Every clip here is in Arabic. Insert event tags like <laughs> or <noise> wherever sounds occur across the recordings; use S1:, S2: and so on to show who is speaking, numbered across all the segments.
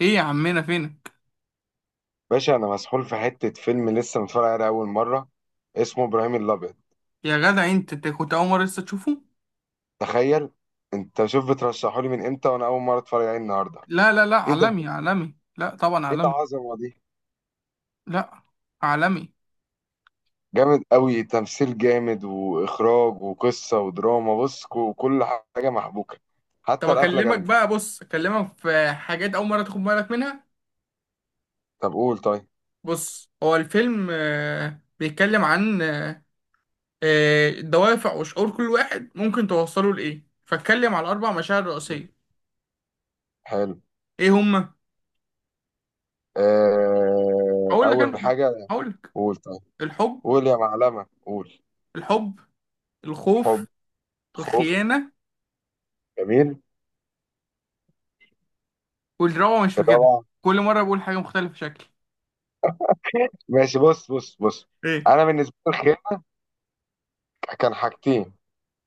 S1: ايه يا عمنا فينك؟
S2: باشا، انا مسحول في حته فيلم لسه متفرج عليه اول مره. اسمه ابراهيم الابيض.
S1: يا جدع انت كنت اول مره لسه تشوفه.
S2: تخيل. انت شوف، بترشحه لي من امتى وانا اول مره اتفرج عليه النهارده.
S1: لا لا لا،
S2: ايه ده؟
S1: عالمي عالمي، لا طبعا
S2: ايه ده،
S1: عالمي.
S2: عظمه دي!
S1: لا، عالمي.
S2: جامد قوي، تمثيل جامد واخراج وقصه ودراما. بص، كل حاجه محبوكه.
S1: طب
S2: حتى القفله
S1: اكلمك
S2: جامده.
S1: بقى، بص اكلمك في حاجات اول مره تاخد بالك منها.
S2: طب قول، طيب.
S1: بص هو الفيلم بيتكلم عن دوافع وشعور كل واحد ممكن توصله لايه، فاتكلم على اربع مشاعر رئيسيه.
S2: حلو.
S1: ايه هما؟
S2: آه،
S1: هقول لك
S2: اول
S1: انا
S2: حاجه.
S1: هقول لك.
S2: قول، طيب.
S1: الحب.
S2: قول يا معلمه، قول.
S1: الحب،
S2: حب.
S1: الخوف،
S2: خوف.
S1: الخيانه.
S2: جميل.
S1: والرابعه مش فاكرها،
S2: الرابعه؟
S1: كل مره بقول حاجه مختلفه شكل.
S2: ماشي، بص بص بص.
S1: ايه؟
S2: انا بالنسبه لي الخير كان حاجتين.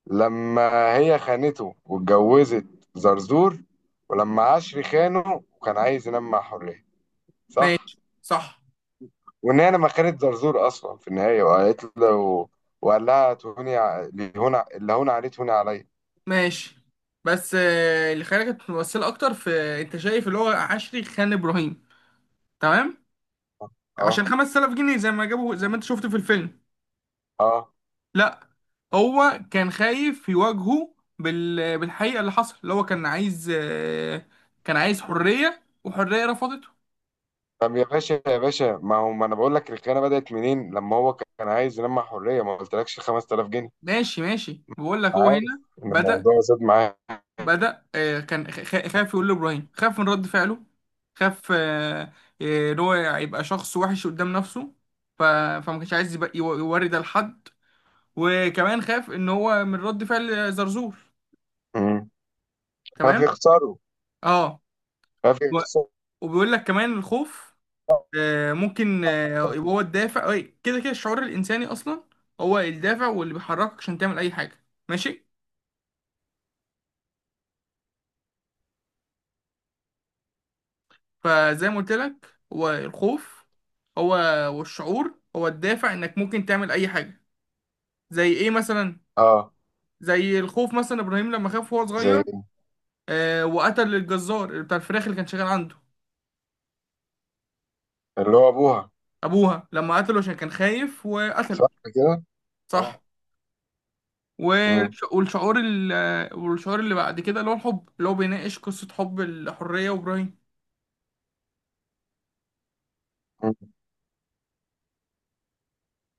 S2: لما هي خانته واتجوزت زرزور. ولما عشري خانه وكان عايز ينام مع حرية. صح؟
S1: ماشي صح.
S2: وان هي لما خانت زرزور اصلا في النهاية وقالت له، وقال لها تهوني اللي هون عليه تهوني عليا.
S1: ماشي. بس اللي خلاني كانت ممثلة أكتر في. أنت شايف اللي هو عشري خان إبراهيم؟ تمام.
S2: اه،
S1: عشان 5000 جنيه زي ما جابوا زي ما أنت شفت في الفيلم.
S2: اه.
S1: لا، هو كان خايف يواجهه بالحقيقة اللي حصل، اللي هو كان عايز كان عايز حرية وحرية رفضته.
S2: طب يا باشا يا باشا، ما هو ما انا بقول لك، الخيانة بدأت منين؟ لما هو كان عايز ينام مع حرية ما قلتلكش 5000 جنيه.
S1: ماشي ماشي، بقول لك هو
S2: عارف
S1: هنا
S2: ان
S1: بدأ
S2: الموضوع زاد معاه.
S1: بدأ. كان خاف يقول لإبراهيم، خاف من رد فعله. خاف إن هو يبقى شخص وحش قدام نفسه. فما كانش عايز يوري ده لحد. وكمان خاف إن هو من رد فعل زرزور.
S2: مم. ففي
S1: تمام.
S2: خساره،
S1: اه،
S2: ففي
S1: و-
S2: خساره.
S1: وبيقول لك كمان الخوف ممكن يبقى هو الدافع أي، كده كده الشعور الإنساني أصلا هو الدافع، واللي بيحركك عشان تعمل أي حاجة. ماشي. فزي ما قلت لك، هو الخوف هو، والشعور هو الدافع انك ممكن تعمل اي حاجه. زي ايه مثلا؟
S2: اه،
S1: زي الخوف مثلا، ابراهيم لما خاف وهو
S2: زي
S1: صغير وقتل الجزار بتاع الفراخ اللي كان شغال عنده.
S2: اللي هو ابوها.
S1: ابوها، لما قتله عشان كان خايف وقتله.
S2: صح كده. اه.
S1: صح.
S2: مم.
S1: والشعور والشعور اللي بعد كده اللي هو الحب، اللي هو بيناقش قصه حب الحريه وابراهيم.
S2: مم.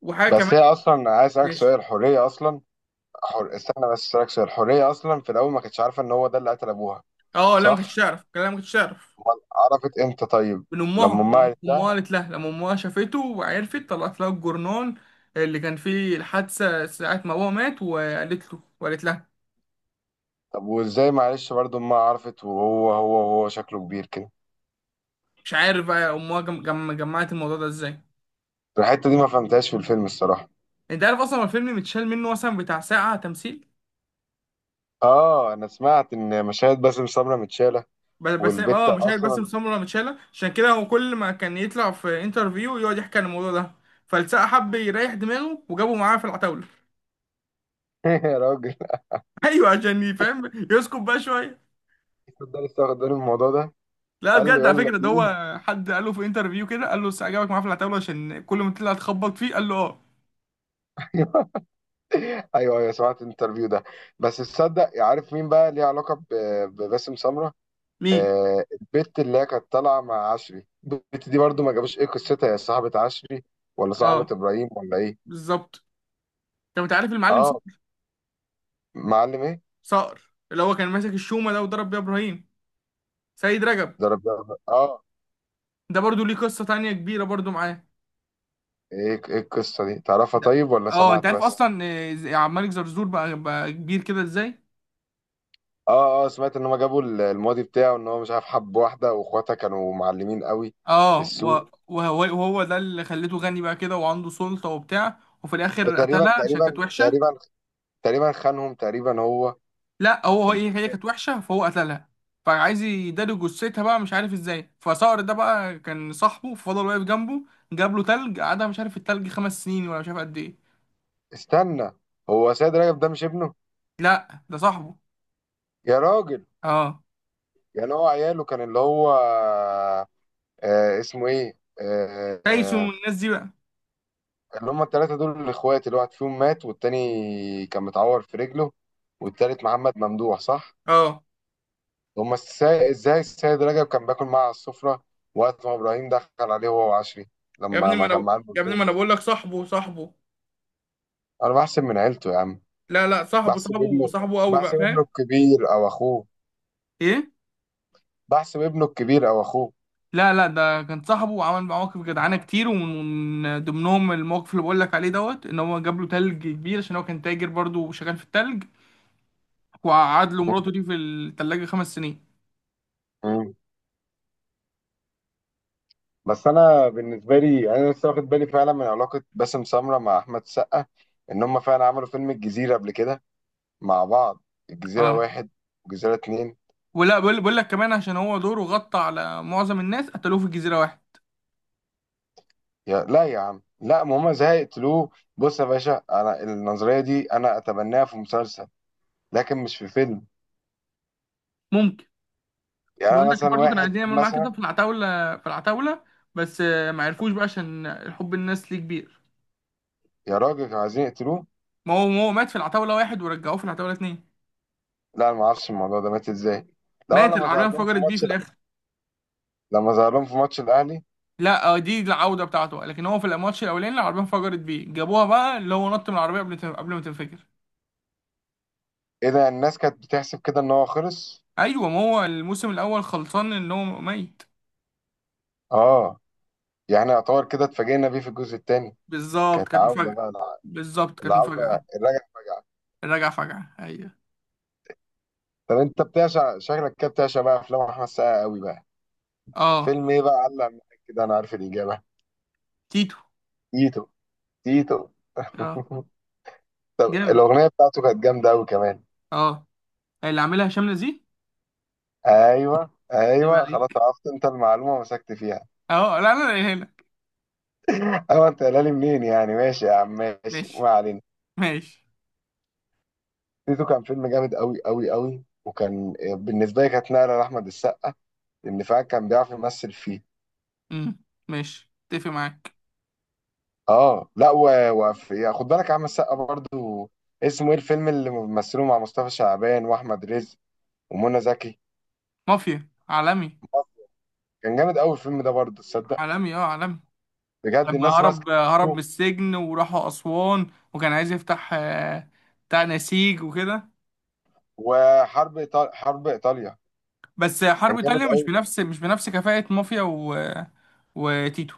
S1: وحاجه
S2: بس
S1: كمان.
S2: هي اصلا، عايز اسالك سؤال،
S1: ماشي.
S2: الحريه اصلا. استنى بس اسالك سؤال، الحريه اصلا في الاول ما كانتش عارفه ان هو ده اللي قتل ابوها؟
S1: اه، لا ما كنتش
S2: صح.
S1: اعرف، لا ما كنتش اعرف.
S2: امال عرفت امتى طيب؟
S1: من
S2: لما
S1: امها،
S2: امها قالت
S1: امها
S2: لها.
S1: قالت لها، لما امها شافته وعرفت طلعت لها الجورنال اللي كان فيه الحادثه ساعه ما بابا مات، وقالت له وقالت لها.
S2: طب وازاي معلش برضه امها عرفت، وهو هو شكله كبير كده؟
S1: مش عارف بقى امها جمعت الموضوع ده ازاي.
S2: الحته دي ما فهمتهاش في الفيلم الصراحه.
S1: انت عارف اصلا الفيلم متشال منه مثلا بتاع ساعه تمثيل.
S2: اه، انا سمعت ان مشاهد باسم سمره متشاله.
S1: بس بس
S2: والبت
S1: اه مش عارف، بس
S2: اصلا.
S1: سمرة متشالة عشان كده هو كل ما كان يطلع في انترفيو يقعد يحكي عن الموضوع ده، فالسقا حب يريح دماغه وجابه معاه في العتاولة.
S2: <laughs> يا راجل.
S1: <laughs> ايوه، عشان يفهم يسكت بقى شوية.
S2: ده لسه واخد بالي من الموضوع ده.
S1: لا
S2: قال له
S1: بجد، على
S2: يلا
S1: فكرة ده
S2: بينا.
S1: هو حد قال له في انترفيو كده، قال له بس عجبك معاه في العتاولة عشان كل ما تطلع تخبط فيه، قال له اه.
S2: <laughs> ايوه، ايوه، سمعت الانترفيو ده. بس تصدق، عارف مين بقى ليه علاقه بباسم سمره؟
S1: مين؟
S2: آه، البت اللي هي كانت طالعه مع عشري، البت دي برضو ما جابوش ايه قصتها. هي صاحبه عشري، ولا صاحبه
S1: اه،
S2: ابراهيم، ولا ايه؟
S1: بالظبط. طب انت عارف المعلم
S2: اه.
S1: صقر؟
S2: معلم ايه؟
S1: صقر اللي هو كان ماسك الشومة ده وضرب بيها ابراهيم. سيد رجب.
S2: ضرب. اه.
S1: ده برضو ليه قصة تانية كبيرة برضو معاه.
S2: ايه القصه دي تعرفها طيب، ولا
S1: اه، انت
S2: سمعت
S1: عارف
S2: بس؟
S1: اصلا عبد الملك زرزور بقى كبير كده ازاي؟
S2: اه، اه، سمعت ان هم جابوا الماضي بتاعه، ان هو مش عارف حب واحده واخواتها كانوا معلمين قوي. في
S1: اه،
S2: السوق.
S1: وهو ده اللي خليته غني بقى كده، وعنده سلطة وبتاع، وفي الاخر
S2: وتقريبا
S1: قتلها عشان كانت
S2: تقريبا
S1: وحشة.
S2: تقريبا. تقريبا خانهم، تقريبا هو.
S1: لا، هو
S2: في.
S1: ايه، هي كانت وحشه فهو قتلها، فعايز يداري جثتها بقى مش عارف ازاي، فصقر ده بقى كان صاحبه فضل واقف جنبه، جاب له تلج قعدها مش عارف التلج خمس سنين ولا مش عارف قد ايه.
S2: استنى. هو سيد رجب ده مش ابنه؟
S1: لا ده صاحبه.
S2: يا راجل.
S1: اه،
S2: يعني هو عياله كان اللي هو، اسمه ايه،
S1: تايسون والناس دي بقى.
S2: اللي هم الثلاثه دول الاخوات، اللي واحد فيهم مات والتاني كان متعور في رجله. والتالت محمد ممدوح، صح؟
S1: اه،
S2: هم ازاي السيد رجب كان باكل معاه على السفره، وقت ما ابراهيم دخل عليه هو وعشري،
S1: يا
S2: لما
S1: ابني ما
S2: ما
S1: انا
S2: كان
S1: ب-
S2: معاه
S1: يا ابني ما انا
S2: البلطوف؟
S1: بقول لك صاحبه صاحبه.
S2: انا بحسب من عيلته يا عم.
S1: لا لا، صاحبه
S2: بحسب
S1: صاحبه
S2: ابنه.
S1: صاحبه قوي بقى
S2: بحسب ابنه
S1: فاهم.
S2: الكبير او اخوه.
S1: ايه؟
S2: بحسب ابنه الكبير او اخوه.
S1: لا لا، ده كان صاحبه وعمل معاه مواقف جدعانه كتير، ومن ضمنهم الموقف اللي بقول لك عليه دوت، ان هو جاب له تلج كبير عشان هو كان تاجر برضه وشغال في التلج، وقعد له مراته دي في التلاجة خمس سنين.
S2: <laughs> بس انا بالنسبه لي يعني، انا لسه واخد بالي فعلا من علاقه باسم سمره مع احمد سقا. ان هم فعلا عملوا فيلم الجزيره قبل كده مع بعض. الجزيره
S1: اه،
S2: واحد. والجزيره اتنين.
S1: ولا بقول لك كمان عشان هو دوره غطى على معظم الناس، قتلوه في جزيرة واحد.
S2: يا، لا يا عم، لا ما هم زي قتلوه. بص يا باشا، انا النظريه دي انا اتبناها في مسلسل، لكن مش في فيلم.
S1: ممكن.
S2: يعني
S1: بيقول
S2: انا
S1: لك
S2: مثلا،
S1: برضه كانوا
S2: واحد
S1: عايزين يعملوا معاه كده
S2: مثلا.
S1: في العتاولة، بس ما عرفوش بقى عشان حب الناس ليه كبير.
S2: يا راجل، كانوا عايزين يقتلوه.
S1: ما هو مات في العتاولة واحد ورجعوه في العتاولة اتنين.
S2: لا، انا ما اعرفش الموضوع ده مات ازاي. لا،
S1: مات،
S2: لما
S1: العربية
S2: ظهر لهم في
S1: انفجرت بيه في
S2: ماتش.
S1: الآخر.
S2: لما ظهر لهم في ماتش الاهلي.
S1: لا دي العودة بتاعته، لكن هو في الماتش الأولاني العربية انفجرت بيه جابوها بقى اللي هو نط من العربية قبل ما تنفجر.
S2: ايه ده، الناس كانت بتحسب كده ان هو خلص؟
S1: ايوه، ما هو الموسم الاول خلصان ان هو ميت.
S2: اه. يعني يعتبر كده اتفاجئنا بيه في الجزء الثاني.
S1: بالظبط،
S2: كانت
S1: كانت
S2: عودة
S1: مفاجأة.
S2: بقى
S1: بالظبط، كانت
S2: العودة،
S1: مفاجأة.
S2: الرجعة فجأة.
S1: الرجعة فجعة، أيوه.
S2: طب انت بتعشق شكلك كده، بتعشق بقى افلام احمد السقا قوي بقى.
S1: اه،
S2: فيلم ايه بقى علق معاك كده؟ انا عارف الاجابة.
S1: تيتو.
S2: تيتو. تيتو.
S1: اه.
S2: <laughs> طب
S1: جامد.
S2: الاغنية بتاعته كانت جامدة قوي كمان.
S1: اه. اللي عاملها هشام نزيه.
S2: ايوه،
S1: اللي
S2: ايوه، خلاص
S1: عليك.
S2: عرفت انت المعلومة ومسكت فيها.
S1: اه لا لا لا، هنا.
S2: <laughs> ايوه انت قايلها لي منين يعني. ماشي يا عم، ماشي،
S1: ماشي.
S2: ما علينا.
S1: ماشي.
S2: تيتو كان فيلم جامد قوي قوي قوي، وكان بالنسبة لي كانت نقلة لأحمد السقا، لأن فعلا كان بيعرف يمثل فيه.
S1: امم، ماشي اتفق معاك.
S2: اه، لا وفي، خد بالك يا عم السقا برضو، اسمه ايه الفيلم اللي مثله مع مصطفى شعبان واحمد رزق ومنى زكي؟
S1: مافيا، عالمي.
S2: كان جامد قوي الفيلم ده برضو، تصدق.
S1: عالمي، اه عالمي.
S2: بجد
S1: لما
S2: الناس ماسكه
S1: هرب،
S2: فيه.
S1: من السجن وراحوا أسوان، وكان عايز يفتح بتاع نسيج وكده.
S2: حرب ايطاليا
S1: بس حرب
S2: كان جامد
S1: إيطاليا
S2: قوي.
S1: مش بنفس كفاءة مافيا وتيتو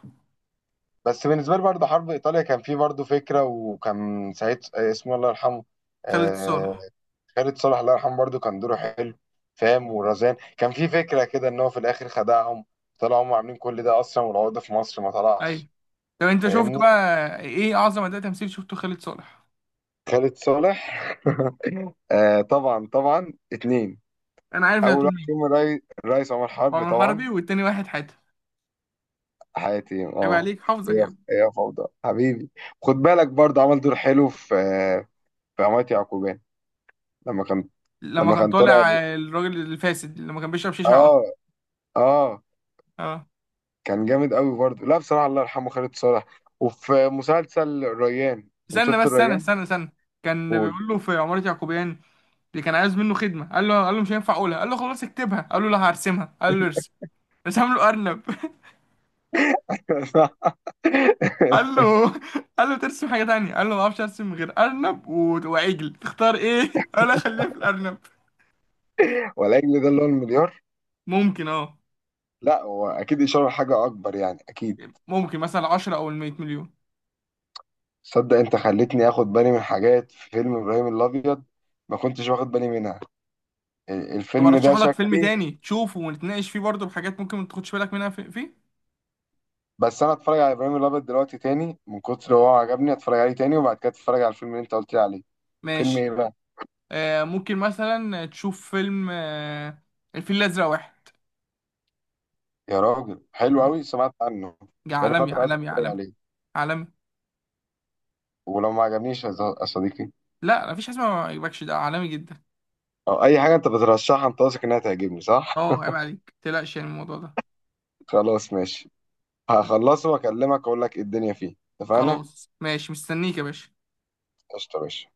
S2: بس بالنسبه لي برضو حرب ايطاليا كان فيه برضو فكره، وكان سعيد، اسمه الله يرحمه.
S1: خالد
S2: آه...
S1: صالح.
S2: خالد صالح. الله يرحمه برضو كان دوره حلو. فاهم، ورزان كان فيه فكره كده ان هو في الاخر خدعهم. طلعوا هم عاملين كل ده اصلا، والعقده في مصر ما
S1: أيوه.
S2: طلعش.
S1: طب انت شفت
S2: فاهمني.
S1: بقى ايه اعظم اداء تمثيل شفته؟ خالد صالح.
S2: خالد صالح. آه، طبعا طبعا، اتنين.
S1: انا عارف انت
S2: اول
S1: هتقول
S2: واحد
S1: مين.
S2: فيهم الريس عمر حرب
S1: عمر
S2: طبعا.
S1: حربي، والتاني واحد حاتم.
S2: حياتي،
S1: عيب
S2: اه.
S1: عليك
S2: هي
S1: حافظك يا ابني.
S2: هي فوضى حبيبي. خد بالك برضه عمل دور حلو في عمارة يعقوبيان، لما كان،
S1: لما
S2: لما
S1: كان
S2: كان طالع.
S1: طالع الراجل الفاسد، لما كان بيشرب شيشه على
S2: اه.
S1: طول.
S2: اه.
S1: اه.
S2: كان جامد قوي برضه، لا بصراحة الله يرحمه خالد صالح. وفي مسلسل الريان، انت
S1: استنى
S2: شفت
S1: بس، استنى
S2: الريان؟
S1: استنى استنى. كان
S2: قول.
S1: بيقول له في عمارة يعقوبيان، اللي كان عايز منه خدمه قال له مش هينفع اقولها، قال له خلاص اكتبها، قال له لا هرسمها، قال له ارسم. رسم له ارنب <laughs>
S2: <laughs> صح.
S1: قال له، قال له ترسم حاجه تانية، قال له ما اعرفش ارسم غير ارنب وعجل تختار ايه <laughs> قال له خليها في الارنب.
S2: ولا ده اللي هو المليار؟
S1: ممكن اه.
S2: لا، هو اكيد اشاره لحاجه اكبر يعني، اكيد.
S1: مثلا 10 او ال 100 مليون.
S2: صدق، انت خلتني اخد بالي من حاجات في فيلم ابراهيم الابيض ما كنتش واخد بالي منها.
S1: طب
S2: الفيلم ده
S1: ارشح لك فيلم
S2: شكلي
S1: تاني تشوفه ونتناقش فيه برضه بحاجات ممكن ما تاخدش بالك منها فيه.
S2: بس انا اتفرج على ابراهيم الابيض دلوقتي تاني، من كتر هو عجبني اتفرج عليه تاني، وبعد كده اتفرج على الفيلم اللي انت قلت لي عليه. فيلم
S1: ماشي.
S2: ايه بقى؟
S1: آه، ممكن مثلا تشوف فيلم الفيل الازرق واحد.
S2: يا راجل، حلو
S1: اه.
S2: قوي سمعت عنه.
S1: ده
S2: بقالي
S1: عالمي
S2: فتره عايز
S1: عالمي
S2: اتفرج
S1: عالمي.
S2: عليه.
S1: عالمي.
S2: ولو ما عجبنيش يا يا صديقي؟
S1: لا مفيش حاجه اسمها ما يعجبكش، ده عالمي جدا.
S2: او اي حاجه انت بترشحها انت واثق انها تعجبني، صح؟
S1: اه
S2: <laughs>
S1: عيب عليك، متقلقش يعني من الموضوع ده.
S2: خلاص، ماشي.
S1: ماشي.
S2: هخلصه واكلمك اقول لك ايه الدنيا فيه، اتفقنا؟
S1: خلاص ماشي، مستنيك يا باشا.
S2: قشطه يا باشا.